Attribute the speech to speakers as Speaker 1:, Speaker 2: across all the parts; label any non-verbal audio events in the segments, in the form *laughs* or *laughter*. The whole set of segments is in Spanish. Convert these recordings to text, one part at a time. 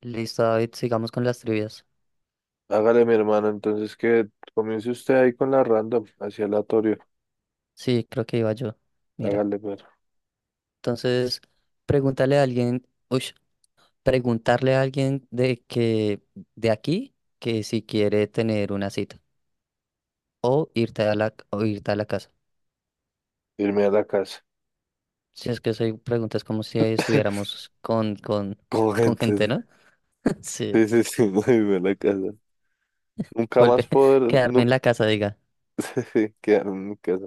Speaker 1: Listo, David, sigamos con las trivias.
Speaker 2: Hágale, mi hermano, entonces que comience usted ahí con la random, hacia aleatorio.
Speaker 1: Sí, creo que iba yo. Mira,
Speaker 2: Hágale, pero
Speaker 1: entonces, pregúntale a alguien, uy, preguntarle a alguien de aquí que si quiere tener una cita o irte a la casa.
Speaker 2: irme a la casa.
Speaker 1: Si es que soy preguntas como si
Speaker 2: *laughs*
Speaker 1: estuviéramos con con
Speaker 2: Con
Speaker 1: con gente,
Speaker 2: gente.
Speaker 1: ¿no? *laughs* Sí.
Speaker 2: Sí, sí, sí, *laughs* no irme a la casa. Nunca más
Speaker 1: Vuelve, *laughs*
Speaker 2: poder,
Speaker 1: quedarme
Speaker 2: nu
Speaker 1: en la casa, diga.
Speaker 2: *laughs* quedarme en mi casa.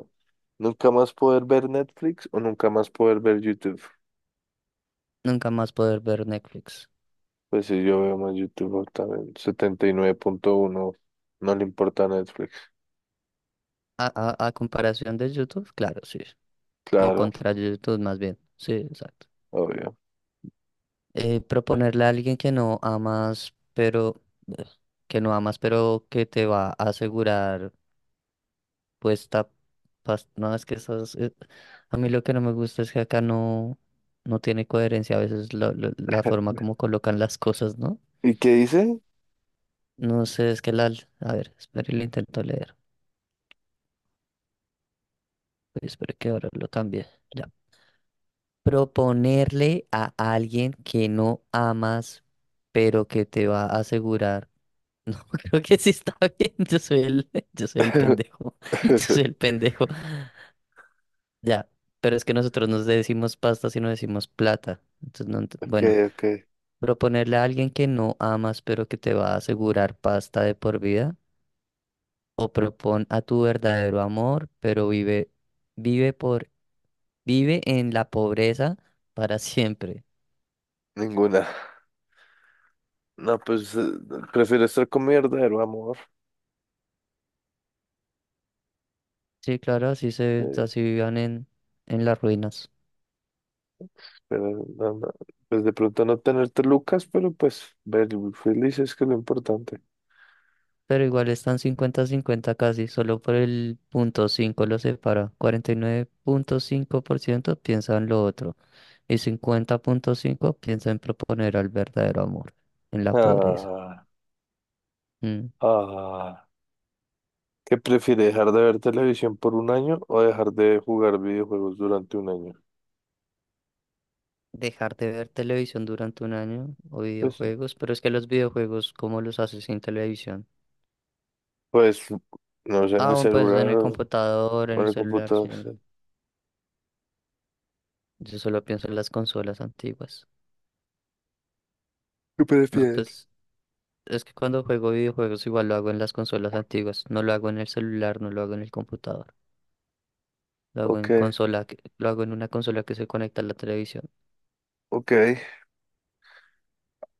Speaker 2: Nunca más poder ver Netflix o nunca más poder ver YouTube.
Speaker 1: Nunca más poder ver Netflix.
Speaker 2: Pues sí, yo veo más YouTube también. 79,1. No le importa Netflix.
Speaker 1: A, a comparación de YouTube, claro, sí. O
Speaker 2: Claro,
Speaker 1: contra YouTube más bien. Sí, exacto.
Speaker 2: obvio.
Speaker 1: Proponerle a alguien que no amas, pero ugh, que no amas, pero que te va a asegurar puesta no es que esas a mí lo que no me gusta es que acá no no tiene coherencia a veces la forma como colocan las cosas, ¿no?
Speaker 2: ¿Y qué dice?
Speaker 1: No sé, es que la a ver, espere, lo intento leer. Uy, espere que ahora lo cambie. Ya. Proponerle a alguien que no amas, pero que te va a asegurar. Creo que sí está *laughs* bien. Yo soy el, *laughs* yo soy el
Speaker 2: *laughs*
Speaker 1: pendejo. *laughs* Yo soy el pendejo. Ya, pero es que nosotros nos decimos pasta, si no decimos plata. Entonces, no,
Speaker 2: Ok,
Speaker 1: bueno,
Speaker 2: ok.
Speaker 1: proponerle a alguien que no amas, pero que te va a asegurar pasta de por vida, o propon a tu verdadero amor, pero vive por, vive en la pobreza para siempre.
Speaker 2: Ninguna. No, pues prefiero estar con mi verdadero amor.
Speaker 1: Sí, claro,
Speaker 2: Sí,
Speaker 1: así vivan en las ruinas.
Speaker 2: pero no, no, pues de pronto no tenerte Lucas, pero pues ver felices que es lo importante.
Speaker 1: Pero igual están cincuenta cincuenta casi, solo por el punto 5 lo separa. 49.5% piensa en lo otro y 50.5% piensa en proponer al verdadero amor, en la pobreza.
Speaker 2: Ah,
Speaker 1: Mm.
Speaker 2: ah. ¿Qué prefiere, dejar de ver televisión por un año o dejar de jugar videojuegos durante un año?
Speaker 1: Dejar de ver televisión durante un año o
Speaker 2: Pues, sí.
Speaker 1: videojuegos, pero es que los videojuegos, ¿cómo los haces sin televisión?
Speaker 2: Pues no sé, en
Speaker 1: Ah,
Speaker 2: el
Speaker 1: bueno, pues en
Speaker 2: celular
Speaker 1: el
Speaker 2: o
Speaker 1: computador, en
Speaker 2: o
Speaker 1: el
Speaker 2: en el
Speaker 1: celular, sí.
Speaker 2: computador.
Speaker 1: Yo no-
Speaker 2: Sí.
Speaker 1: Yo solo pienso en las consolas antiguas.
Speaker 2: ¿Qué
Speaker 1: No,
Speaker 2: prefieres?
Speaker 1: pues es que cuando juego videojuegos igual lo hago en las consolas antiguas, no lo hago en el celular, no lo hago en el computador, lo hago
Speaker 2: Ok,
Speaker 1: en consola, lo hago en una consola que se conecta a la televisión.
Speaker 2: ok,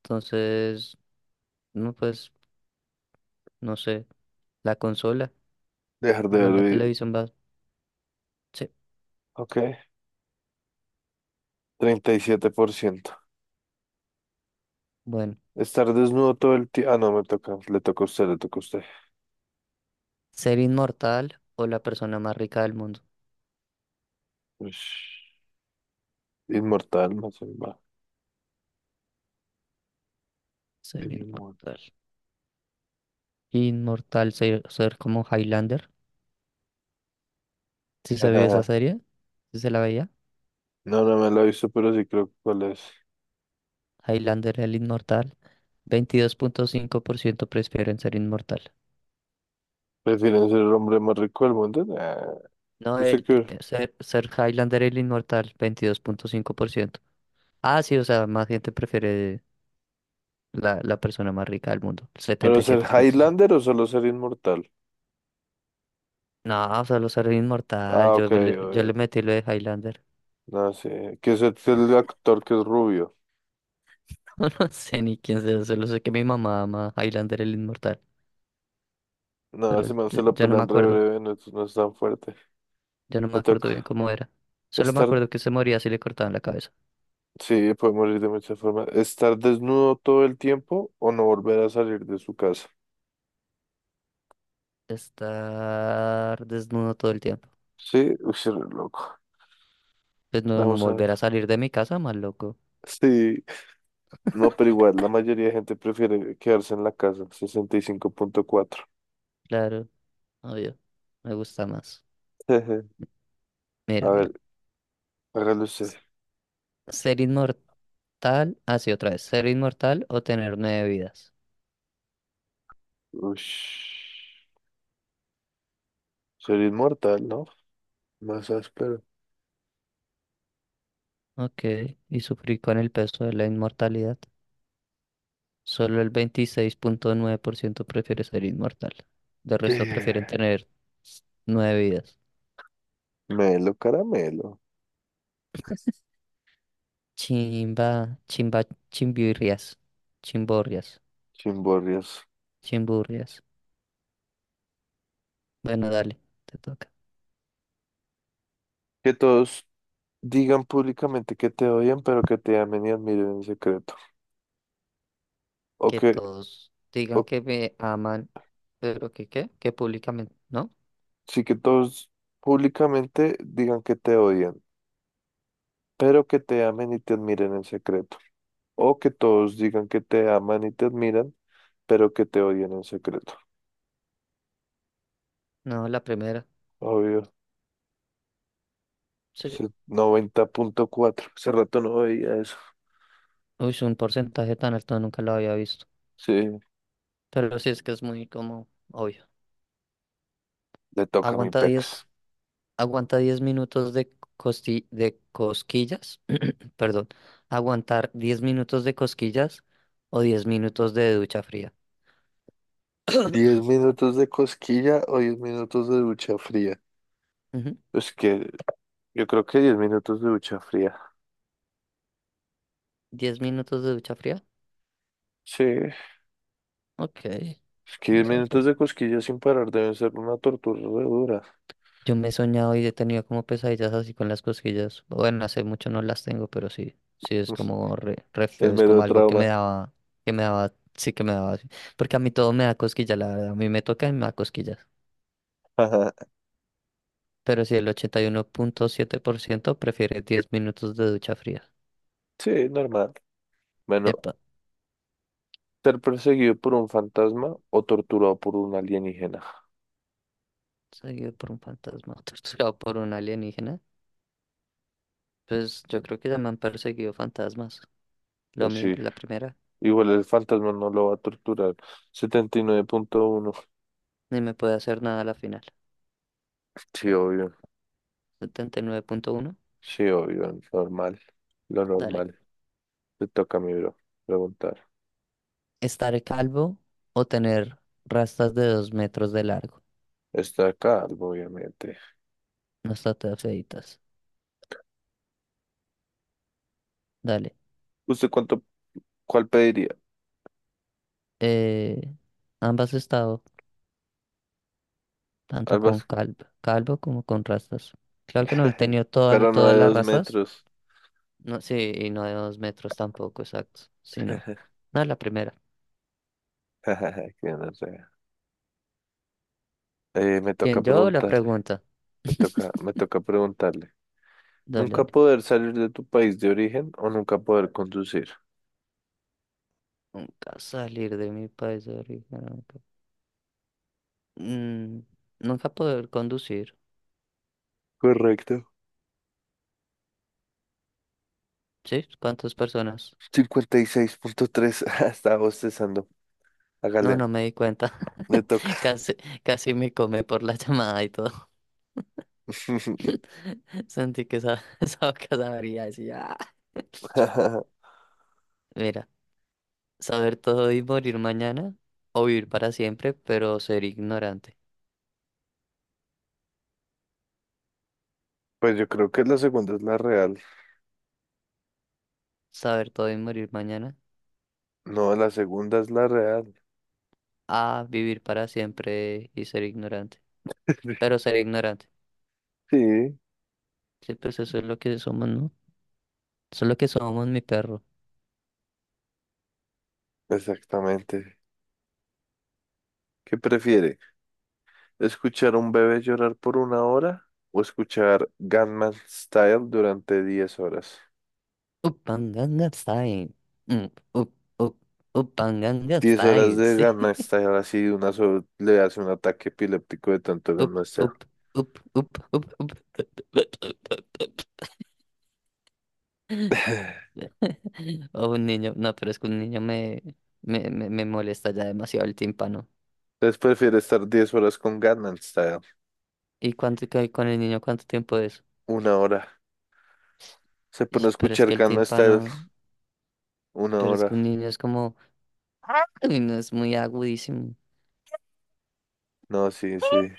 Speaker 1: Entonces, no pues, no sé, la consola,
Speaker 2: dejar de
Speaker 1: igual la
Speaker 2: ver.
Speaker 1: televisión va, sí,
Speaker 2: Ok, 37%.
Speaker 1: bueno,
Speaker 2: Estar desnudo todo el tiempo. Ah, no, me toca. Le toca a usted, le toca a usted.
Speaker 1: ser inmortal o la persona más rica del mundo,
Speaker 2: Ush, inmortal, no sé, va.
Speaker 1: ser
Speaker 2: Inmortal.
Speaker 1: inmortal. Inmortal, ser como Highlander, si se vio esa
Speaker 2: Ajá.
Speaker 1: serie, si se la veía.
Speaker 2: No, no me lo he visto, pero sí creo que cuál es.
Speaker 1: Highlander el inmortal, veintidós punto cinco por ciento prefieren ser inmortal.
Speaker 2: ¿Prefieren ser el hombre más rico del mundo? Nah.
Speaker 1: No,
Speaker 2: ¿Usted qué?
Speaker 1: Sir Highlander el inmortal, veintidós punto cinco por ciento. Ah, sí, o sea, más gente prefiere la persona más rica del mundo, el
Speaker 2: ¿Pero
Speaker 1: setenta y
Speaker 2: ser
Speaker 1: siete punto cinco.
Speaker 2: Highlander o solo ser inmortal?
Speaker 1: No, solo ser inmortal.
Speaker 2: Ah,
Speaker 1: yo,
Speaker 2: ok,
Speaker 1: me le- yo le
Speaker 2: obvio.
Speaker 1: metí lo de Highlander. *laughs*
Speaker 2: No, sí. Que es el actor que es rubio.
Speaker 1: No, no sé ni quién sea, solo sé que mi mamá ama Highlander el inmortal,
Speaker 2: No,
Speaker 1: pero
Speaker 2: ese man
Speaker 1: yo,
Speaker 2: se lo
Speaker 1: yo no me
Speaker 2: pelan re
Speaker 1: acuerdo,
Speaker 2: breve, no, no es tan fuerte.
Speaker 1: yo no me
Speaker 2: Me
Speaker 1: acuerdo
Speaker 2: toca
Speaker 1: bien cómo era. Solo me
Speaker 2: estar.
Speaker 1: acuerdo que se moría si le cortaban la cabeza.
Speaker 2: Sí, puede morir de muchas formas. ¿Estar desnudo todo el tiempo o no volver a salir de su casa?
Speaker 1: Estar desnudo todo el tiempo.
Speaker 2: Sí, uy, sí, re loco.
Speaker 1: Pues no, no
Speaker 2: Vamos a ver.
Speaker 1: volver a salir de mi casa, más loco.
Speaker 2: Sí, no, pero igual, la mayoría de gente prefiere quedarse en la casa, 65,4.
Speaker 1: Claro, obvio, me gusta más.
Speaker 2: Jeje. *laughs* A
Speaker 1: Mira,
Speaker 2: ver,
Speaker 1: mira.
Speaker 2: hágalo usted.
Speaker 1: S- Ser inmortal. Ah, sí, otra vez. Ser inmortal o tener nueve vidas.
Speaker 2: Uy, sería inmortal, ¿no? Más áspero.
Speaker 1: Ok. Y sufrir con el peso de la inmortalidad. Solo el veintiséis punto nueve por ciento prefiere ser inmortal. De resto prefieren
Speaker 2: Eh,
Speaker 1: tener nueve vidas.
Speaker 2: Melo, caramelo,
Speaker 1: *laughs* Chimba, chimba, chimbirrias. Chimborrias.
Speaker 2: chimborrias.
Speaker 1: Chimburrias. Bueno, dale, te toca.
Speaker 2: Que todos digan públicamente que te odian, pero que te amen y admiren en secreto. O
Speaker 1: Que
Speaker 2: que,
Speaker 1: todos digan
Speaker 2: o
Speaker 1: que me aman, pero que qué, que públicamente, ¿no?
Speaker 2: sí que todos públicamente digan que te odian, pero que te amen y te admiren en secreto. O que todos digan que te aman y te admiran, pero que te odian en secreto.
Speaker 1: No, la primera.
Speaker 2: Obvio.
Speaker 1: Sí.
Speaker 2: 90,4. Hace rato no veía eso.
Speaker 1: Uy, un porcentaje tan alto nunca lo había visto.
Speaker 2: Sí,
Speaker 1: Pero sí es que es muy como obvio.
Speaker 2: le toca a mi
Speaker 1: Aguanta
Speaker 2: pex.
Speaker 1: 10 aguanta 10 minutos de de cosquillas, *clears throat* perdón. Aguantar 10 minutos de cosquillas o 10 minutos de ducha fría.
Speaker 2: diez
Speaker 1: *clears throat*
Speaker 2: minutos de cosquilla o 10 minutos de ducha fría.
Speaker 1: Ujú,
Speaker 2: Es que yo creo que 10 minutos de ducha fría.
Speaker 1: ¿10 minutos de ducha fría?
Speaker 2: Sí, es
Speaker 1: Ok,
Speaker 2: que 10
Speaker 1: vamos a ver
Speaker 2: minutos de
Speaker 1: porcentaje.
Speaker 2: cosquilla sin parar deben ser una tortura re dura.
Speaker 1: Yo me he soñado y he tenido como pesadillas así con las cosquillas. Bueno, hace mucho no las tengo, pero sí, sí es
Speaker 2: *laughs*
Speaker 1: como re, re
Speaker 2: El
Speaker 1: feo, es como
Speaker 2: mero
Speaker 1: algo que me
Speaker 2: trauma.
Speaker 1: daba, sí que me daba. Así. Porque a mí todo me da cosquillas, la verdad, a mí me toca y me da cosquillas.
Speaker 2: *laughs*
Speaker 1: Pero si el ochenta y uno punto siete por ciento prefiere diez minutos de ducha fría.
Speaker 2: Sí, normal. Bueno,
Speaker 1: Epa,
Speaker 2: ser perseguido por un fantasma o torturado por un alienígena.
Speaker 1: seguido por un fantasma, *laughs* torturado por un alienígena. Pues yo creo que ya me han perseguido fantasmas.
Speaker 2: Pues sí.
Speaker 1: La primera,
Speaker 2: Igual el fantasma no lo va a torturar. 79,1.
Speaker 1: ni me puede hacer nada a la final.
Speaker 2: Sí, obvio.
Speaker 1: Setenta y nueve punto uno.
Speaker 2: Sí, obvio. Normal. Lo
Speaker 1: Dale.
Speaker 2: normal. Te toca a mi bro preguntar.
Speaker 1: Estar calvo o tener rastas de dos metros de largo.
Speaker 2: Está acá, obviamente.
Speaker 1: No está tan feitas. Dale.
Speaker 2: ¿Usted cuánto, cuál pediría?
Speaker 1: Eh, Ambas he estado, tanto
Speaker 2: Al
Speaker 1: con
Speaker 2: básquet.
Speaker 1: calvo, calvo como con rastas. Claro que no he
Speaker 2: *laughs*
Speaker 1: tenido
Speaker 2: Pero no
Speaker 1: todas
Speaker 2: de
Speaker 1: las
Speaker 2: dos
Speaker 1: rastas.
Speaker 2: metros.
Speaker 1: No, sí, y no de dos metros tampoco, exacto. Sino,
Speaker 2: *laughs*
Speaker 1: no, la primera.
Speaker 2: Que no sé. Me toca
Speaker 1: ¿Quién yo o la
Speaker 2: preguntarle.
Speaker 1: pregunta?
Speaker 2: Me toca preguntarle.
Speaker 1: Dale,
Speaker 2: ¿Nunca
Speaker 1: dale.
Speaker 2: poder salir de tu país de origen o nunca poder conducir?
Speaker 1: Nunca salir de mi país de origen. Mm, Nunca poder conducir.
Speaker 2: Correcto.
Speaker 1: ¿Sí? ¿Cuántas personas?
Speaker 2: 56,3. *laughs* Estaba bostezando.
Speaker 1: No,
Speaker 2: Hágale.
Speaker 1: no me di cuenta.
Speaker 2: Le toca.
Speaker 1: *laughs* Casi, casi me come por la *laughs* llamada y todo. *laughs* Sentí que esa, *laughs* esa boca sabría decir, "Ah". *laughs*
Speaker 2: *laughs*
Speaker 1: Mira, saber todo y morir mañana, o vivir para siempre, pero ser ignorante.
Speaker 2: Pues yo creo que la segunda es la real.
Speaker 1: Saber todo y morir mañana,
Speaker 2: No, la segunda es la real.
Speaker 1: a vivir para siempre y ser ignorante.
Speaker 2: *laughs*
Speaker 1: Pero ser ignorante.
Speaker 2: Sí,
Speaker 1: Sí, pues eso es lo que somos, ¿no? Eso es lo que somos, mi perro.
Speaker 2: exactamente. ¿Qué prefiere? ¿Escuchar a un bebé llorar por una hora o escuchar Gangnam Style durante 10 horas?
Speaker 1: Upanganga style. Mm, up, up, upanganga
Speaker 2: 10 horas
Speaker 1: style,
Speaker 2: de
Speaker 1: sí.
Speaker 2: Gangnam
Speaker 1: *laughs*
Speaker 2: Style así de una sola le hace un ataque epiléptico de tanto
Speaker 1: Up,
Speaker 2: Gangnam Style.
Speaker 1: up, up, up, up, up.
Speaker 2: *laughs*
Speaker 1: *laughs* O un niño, no, pero es que un niño me molesta ya demasiado el tímpano.
Speaker 2: *sighs* Entonces prefiere estar 10 horas con Gangnam Style.
Speaker 1: ¿Y cuánto que con el niño cuánto tiempo es?
Speaker 2: Una hora. Se pone a
Speaker 1: Ish, pero es
Speaker 2: escuchar
Speaker 1: que el
Speaker 2: Gangnam Style
Speaker 1: tímpano,
Speaker 2: una
Speaker 1: pero es que
Speaker 2: hora.
Speaker 1: un niño es como, uy, no es muy agudísimo.
Speaker 2: No, sí, sí.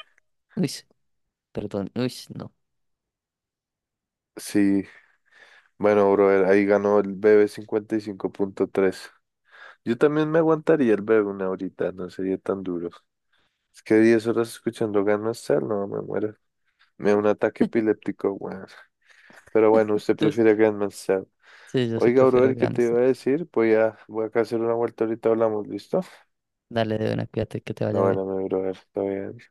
Speaker 1: Uy, perdón, uy, no.
Speaker 2: Sí, bueno, brother, ahí ganó el B B 55,3. Yo también me aguantaría el BB una horita, no sería tan duro. Es que 10 horas escuchando Gangnam Style, no, me muero. Me da un ataque epiléptico, weón. Pero bueno, usted
Speaker 1: Entonces,
Speaker 2: prefiere Gangnam Style.
Speaker 1: sí, yo sí
Speaker 2: Oiga,
Speaker 1: prefiero
Speaker 2: brother, ¿qué te
Speaker 1: grandes.
Speaker 2: iba a decir? Voy acá a hacer una vuelta ahorita, hablamos, ¿listo?
Speaker 1: Dale de una, cuídate, que te
Speaker 2: La
Speaker 1: vaya
Speaker 2: buena,
Speaker 1: bien.
Speaker 2: mi brother, está bien.